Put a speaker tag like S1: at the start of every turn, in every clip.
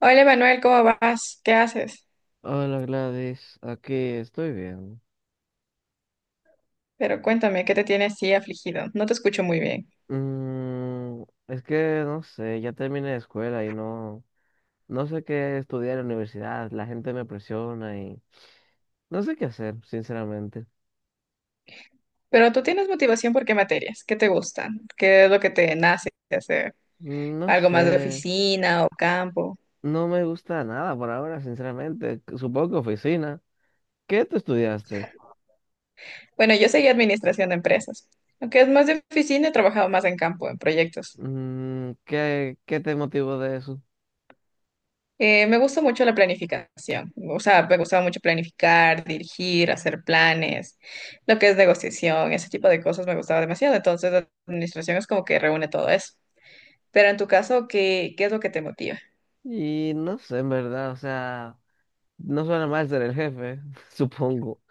S1: Hola Manuel, ¿cómo vas? ¿Qué haces?
S2: Hola Gladys, aquí estoy bien.
S1: Pero cuéntame, ¿qué te tiene así afligido? No te escucho muy bien.
S2: Mm, es que no sé, ya terminé de escuela y no sé qué estudiar en la universidad, la gente me presiona y no sé qué hacer, sinceramente.
S1: Pero tú tienes motivación por qué materias, qué te gustan, qué es lo que te nace de hacer,
S2: No
S1: algo más de
S2: sé,
S1: oficina o campo.
S2: no me gusta nada por ahora, sinceramente. Supongo que oficina. ¿Qué tú estudiaste?
S1: Bueno, yo seguí administración de empresas. Aunque es más de oficina, he trabajado más en campo, en proyectos.
S2: ¿Qué te motivó de eso?
S1: Me gusta mucho la planificación, o sea, me gustaba mucho planificar, dirigir, hacer planes, lo que es negociación, ese tipo de cosas me gustaba demasiado. Entonces, la administración es como que reúne todo eso. Pero en tu caso, ¿qué es lo que te motiva?
S2: Y no sé, en verdad, o sea, no suena mal ser el jefe, supongo.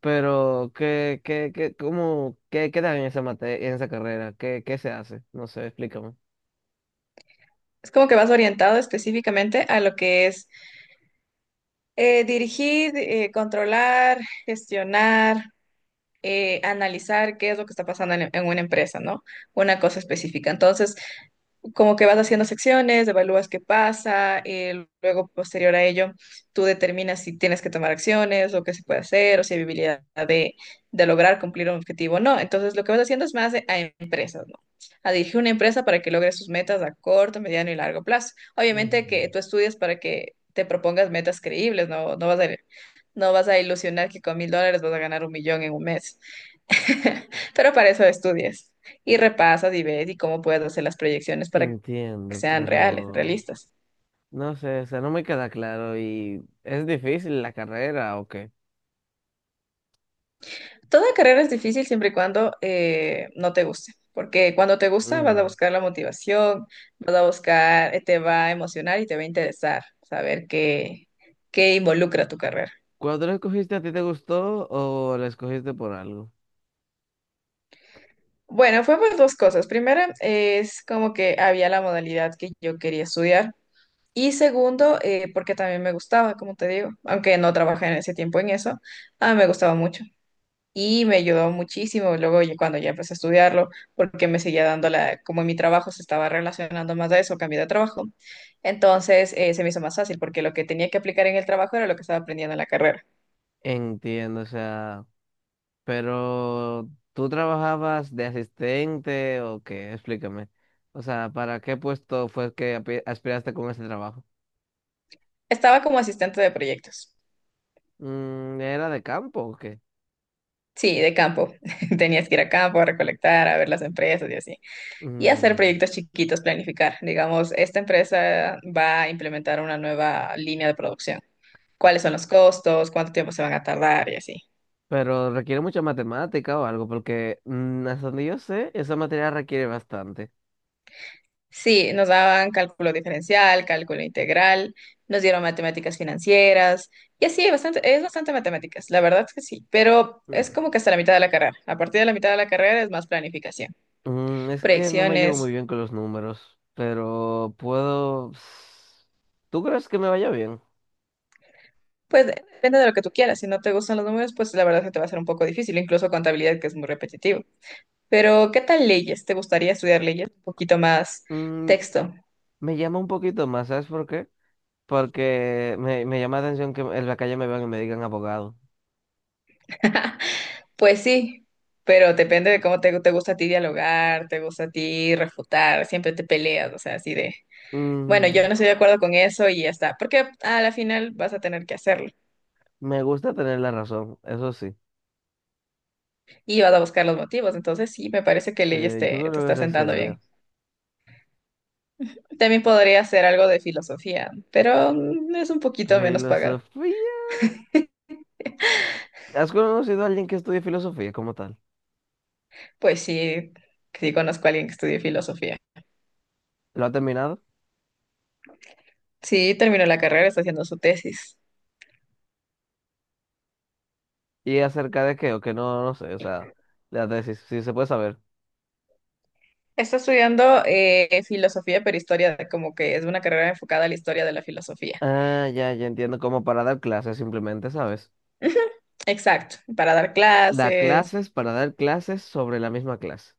S2: Pero, ¿cómo, qué dan en en esa carrera? ¿Qué se hace? No sé, explícame.
S1: Es como que vas orientado específicamente a lo que es dirigir, controlar, gestionar. Analizar qué es lo que está pasando en una empresa, ¿no? Una cosa específica. Entonces, como que vas haciendo secciones, evalúas qué pasa, luego posterior a ello, tú determinas si tienes que tomar acciones o qué se puede hacer o si hay habilidad de lograr cumplir un objetivo o no. Entonces, lo que vas haciendo es más a empresas, ¿no? A dirigir una empresa para que logre sus metas a corto, mediano y largo plazo. Obviamente que
S2: Mm,
S1: tú estudias para que te propongas metas creíbles, ¿no? No vas a ilusionar que con 1.000 dólares vas a ganar 1.000.000 en un mes. Pero para eso estudias y repasas y ves y cómo puedes hacer las proyecciones para que
S2: Entiendo,
S1: sean reales,
S2: pero
S1: realistas.
S2: no sé, o sea, no me queda claro y ¿es difícil la carrera o qué?
S1: Toda carrera es difícil siempre y cuando no te guste, porque cuando te gusta vas a
S2: Mm.
S1: buscar la motivación, vas a buscar, te va a emocionar y te va a interesar saber qué involucra tu carrera.
S2: ¿Cuándo la escogiste a ti te gustó o la escogiste por algo?
S1: Bueno, fue pues dos cosas. Primera es como que había la modalidad que yo quería estudiar. Y segundo, porque también me gustaba, como te digo, aunque no trabajé en ese tiempo en eso, ah, me gustaba mucho. Y me ayudó muchísimo luego ya cuando ya empecé a estudiarlo, porque me seguía dando como mi trabajo se estaba relacionando más a eso, cambié de trabajo. Entonces se me hizo más fácil, porque lo que tenía que aplicar en el trabajo era lo que estaba aprendiendo en la carrera.
S2: Entiendo, o sea, pero ¿tú trabajabas de asistente o qué? Explícame. O sea, ¿para qué puesto fue que aspiraste con ese trabajo?
S1: Estaba como asistente de proyectos.
S2: ¿Era de campo o qué?
S1: Sí, de campo. Tenías que ir a campo a recolectar, a ver las empresas y así. Y hacer
S2: Mm,
S1: proyectos chiquitos, planificar. Digamos, esta empresa va a implementar una nueva línea de producción. ¿Cuáles son los costos? ¿Cuánto tiempo se van a tardar? Y así.
S2: pero requiere mucha matemática o algo, porque hasta donde yo sé, esa materia requiere bastante.
S1: Sí, nos daban cálculo diferencial, cálculo integral, nos dieron matemáticas financieras. Y así, bastante, es bastante matemáticas, la verdad es que sí. Pero es
S2: Mm.
S1: como que hasta la mitad de la carrera. A partir de la mitad de la carrera es más planificación.
S2: Es que no me llevo muy
S1: Proyecciones.
S2: bien con los números, pero puedo. ¿Tú crees que me vaya bien?
S1: Pues depende de lo que tú quieras. Si no te gustan los números, pues la verdad es que te va a ser un poco difícil, incluso contabilidad, que es muy repetitivo. Pero, ¿qué tal leyes? ¿Te gustaría estudiar leyes? Un poquito más
S2: Mm,
S1: texto.
S2: Me llama un poquito más, ¿sabes por qué? Porque me llama la atención que en la calle me vean y me digan abogado.
S1: Pues sí, pero depende de cómo te gusta a ti dialogar, te gusta a ti refutar, siempre te peleas, o sea, así de, bueno, yo
S2: Mm,
S1: no estoy de acuerdo con eso y ya está, porque a la final vas a tener que hacerlo
S2: Me gusta tener la razón, eso sí.
S1: y vas a buscar los motivos, entonces sí, me parece que
S2: Sí,
S1: leyes
S2: yo
S1: te
S2: creo que
S1: está
S2: esa
S1: sentando
S2: sería.
S1: bien. También podría hacer algo de filosofía, pero es un poquito menos pagado.
S2: Filosofía. ¿Has conocido a alguien que estudie filosofía como tal?
S1: Pues sí, sí conozco a alguien que estudie filosofía.
S2: ¿Lo ha terminado?
S1: Sí, terminó la carrera, está haciendo su tesis.
S2: ¿Y acerca de qué? O que no sé, o sea, la tesis, si se puede saber.
S1: Está estudiando filosofía, pero historia, como que es una carrera enfocada a la historia de la filosofía.
S2: Ah, ya, ya entiendo, como para dar clases simplemente, ¿sabes?
S1: Ujú, exacto, para dar
S2: Da
S1: clases.
S2: clases para dar clases sobre la misma clase.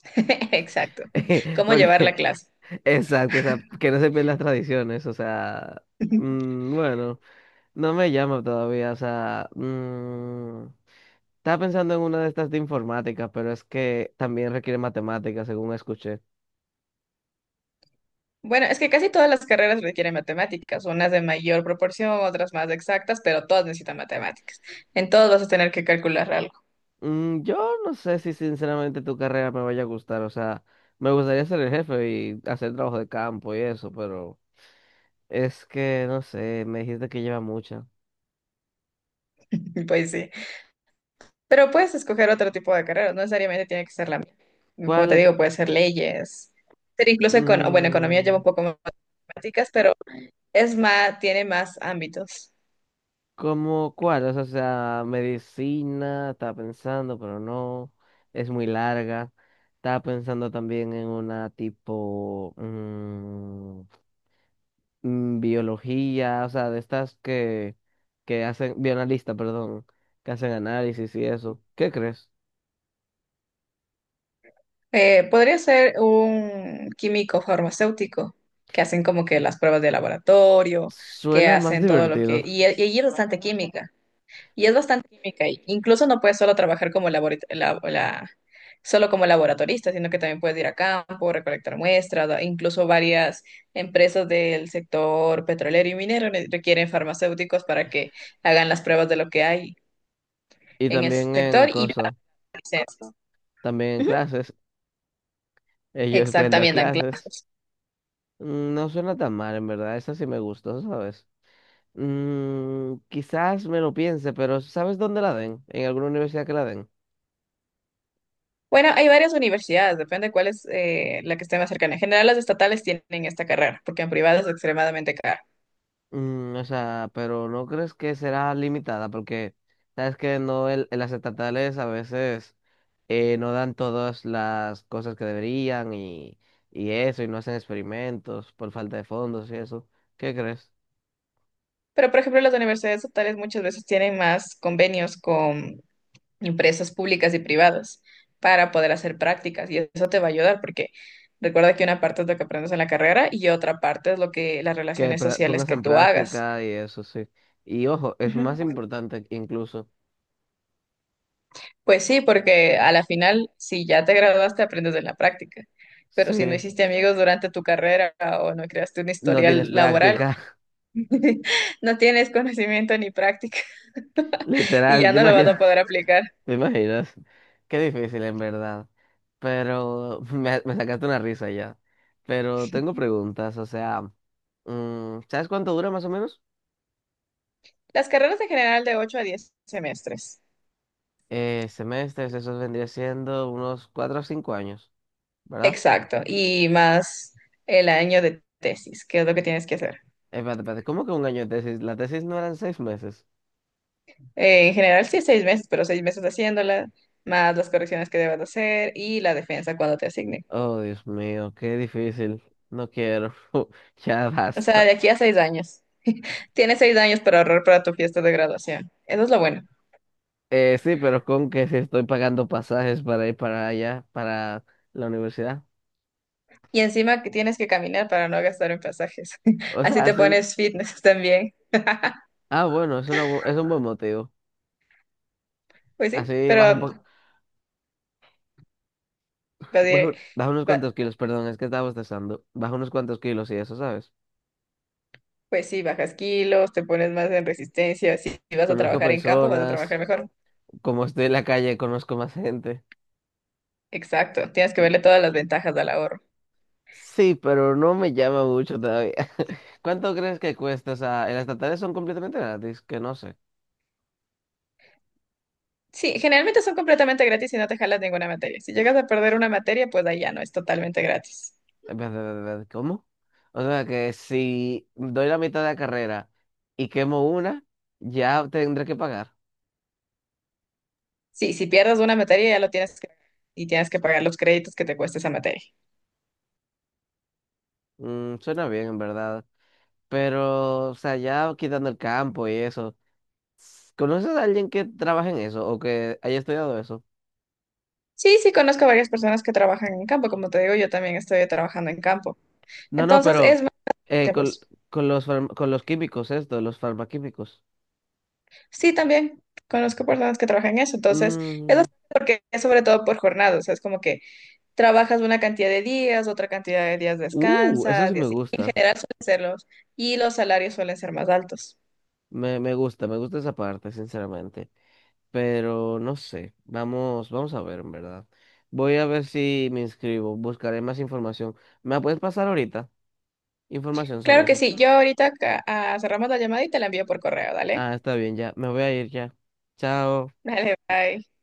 S1: Exacto, cómo llevar la
S2: Porque,
S1: clase.
S2: exacto, o sea, que no se pierdan las tradiciones, o sea, bueno, no me llama todavía, o sea, estaba pensando en una de estas de informática, pero es que también requiere matemáticas, según escuché.
S1: Bueno, es que casi todas las carreras requieren matemáticas, unas de mayor proporción, otras más exactas, pero todas necesitan matemáticas. En todos vas a tener que calcular algo,
S2: Yo no sé si sinceramente tu carrera me vaya a gustar, o sea, me gustaría ser el jefe y hacer trabajo de campo y eso, pero es que no sé, me dijiste que lleva mucha.
S1: pues sí. Pero puedes escoger otro tipo de carreras, no necesariamente tiene que ser la misma. Como te
S2: ¿Cuál?
S1: digo, puede ser leyes, ser incluso, bueno, economía lleva
S2: Mm,
S1: un poco más de matemáticas, pero es más, tiene más ámbitos.
S2: ¿cómo cuál? O sea, medicina, estaba pensando, pero no, es muy larga. Estaba pensando también en una tipo, biología, o sea, de estas que hacen, bioanalista, perdón, que hacen análisis y eso. ¿Qué crees?
S1: Podría ser un químico farmacéutico que hacen como que las pruebas de laboratorio, que
S2: Suena más
S1: hacen todo lo que...
S2: divertido.
S1: Y allí es bastante química. Y es bastante química. Y incluso no puedes solo trabajar como solo como laboratorista, sino que también puedes ir a campo, recolectar muestras. Incluso varias empresas del sector petrolero y minero requieren farmacéuticos para que hagan las pruebas de lo que hay
S2: Y
S1: en el
S2: también
S1: sector
S2: en
S1: y para
S2: cosas,
S1: licencias.
S2: también en clases, ellos pueden dar
S1: Exactamente, dan
S2: clases.
S1: clases.
S2: No suena tan mal, en verdad, esa sí me gustó, ¿sabes? Quizás me lo piense, pero ¿sabes dónde la den? ¿En alguna universidad que la den?
S1: Bueno, hay varias universidades, depende cuál es la que esté más cercana. En general, las estatales tienen esta carrera, porque en privado es extremadamente cara.
S2: O sea, pero ¿no crees que será limitada? Porque sabes que no el, en las estatales a veces no dan todas las cosas que deberían y eso, y no hacen experimentos por falta de fondos y eso. ¿Qué crees?
S1: Pero, por ejemplo, las universidades estatales muchas veces tienen más convenios con empresas públicas y privadas para poder hacer prácticas y eso te va a ayudar porque recuerda que una parte es lo que aprendes en la carrera y otra parte es lo que las
S2: Que
S1: relaciones sociales
S2: pongas
S1: que
S2: en
S1: tú hagas.
S2: práctica y eso, sí. Y ojo, es más
S1: Ujú.
S2: importante incluso.
S1: Pues sí, porque a la final, si ya te graduaste, aprendes de la práctica. Pero si no
S2: Sí.
S1: hiciste amigos durante tu carrera o no creaste un
S2: No tienes
S1: historial laboral,
S2: práctica,
S1: no tienes conocimiento ni práctica y
S2: literal,
S1: ya
S2: ¿te
S1: no lo vas a
S2: imaginas?
S1: poder aplicar.
S2: ¿Te imaginas? Qué difícil, en verdad. Pero me sacaste una risa ya. Pero tengo preguntas, o sea, ¿sabes cuánto dura más o menos?
S1: Las carreras en general de 8 a 10 semestres.
S2: Semestres, eso vendría siendo unos 4 o 5 años, ¿verdad?
S1: Exacto. Y más el año de tesis, que es lo que tienes que hacer.
S2: Espérate, espérate, ¿cómo que un año de tesis? ¿La tesis no eran 6 meses?
S1: En general sí, 6 meses, pero 6 meses haciéndola, más las correcciones que debas de hacer y la defensa cuando te asignen.
S2: Oh, Dios mío, qué difícil. No quiero. Ya
S1: O sea,
S2: basta.
S1: de aquí a 6 años. Tienes 6 años para ahorrar para tu fiesta de graduación. Eso es lo bueno.
S2: Sí, pero con que si estoy pagando pasajes para ir para allá, para la universidad.
S1: Y encima que tienes que caminar para no gastar en pasajes.
S2: O
S1: Así
S2: sea,
S1: te
S2: sí.
S1: pones fitness también.
S2: Ah, bueno, es un buen motivo.
S1: Pues sí,
S2: Así baja un
S1: pero
S2: poco,
S1: pues, eh,
S2: baja unos cuantos
S1: ba-
S2: kilos, perdón, es que estaba bostezando. Baja unos cuantos kilos y eso, ¿sabes?
S1: pues sí, bajas kilos, te pones más en resistencia. Si vas a
S2: Conozco
S1: trabajar en campo, vas a trabajar
S2: personas,
S1: mejor.
S2: como estoy en la calle, conozco más gente.
S1: Exacto, tienes que verle todas las ventajas al ahorro.
S2: Sí, pero no me llama mucho todavía. ¿Cuánto crees que cuesta? O sea, en las estatales son completamente gratis, que no sé.
S1: Sí, generalmente son completamente gratis y no te jalas ninguna materia. Si llegas a perder una materia, pues ahí ya no, es totalmente gratis.
S2: ¿Cómo? O sea, que si doy la mitad de la carrera y quemo una, ya tendré que pagar.
S1: Sí, si pierdes una materia ya lo tienes que y tienes que pagar los créditos que te cuesta esa materia.
S2: Suena bien, en verdad. Pero, o sea, ya quitando el campo y eso. ¿Conoces a alguien que trabaje en eso o que haya estudiado eso?
S1: Sí, sí, conozco varias personas que trabajan en campo, como te digo, yo también estoy trabajando en campo.
S2: No, no,
S1: Entonces,
S2: pero
S1: es más
S2: eh,
S1: de
S2: con,
S1: voz.
S2: con los químicos, esto, los farmaquímicos.
S1: Sí, también conozco personas que trabajan en eso, entonces, es
S2: Mm,
S1: bastante porque es sobre todo por jornadas, o sea, es como que trabajas una cantidad de días, otra cantidad de días
S2: Eso
S1: descansas
S2: sí
S1: y
S2: me
S1: así. En
S2: gusta.
S1: general suelen serlos y los salarios suelen ser más altos.
S2: Me gusta esa parte, sinceramente. Pero no sé. Vamos, vamos a ver, en verdad. Voy a ver si me inscribo. Buscaré más información. ¿Me la puedes pasar ahorita? Información sobre
S1: Claro que
S2: eso.
S1: sí, yo ahorita cerramos la llamada y te la envío por correo, dale.
S2: Ah, está bien, ya. Me voy a ir ya. Chao.
S1: Dale, bye.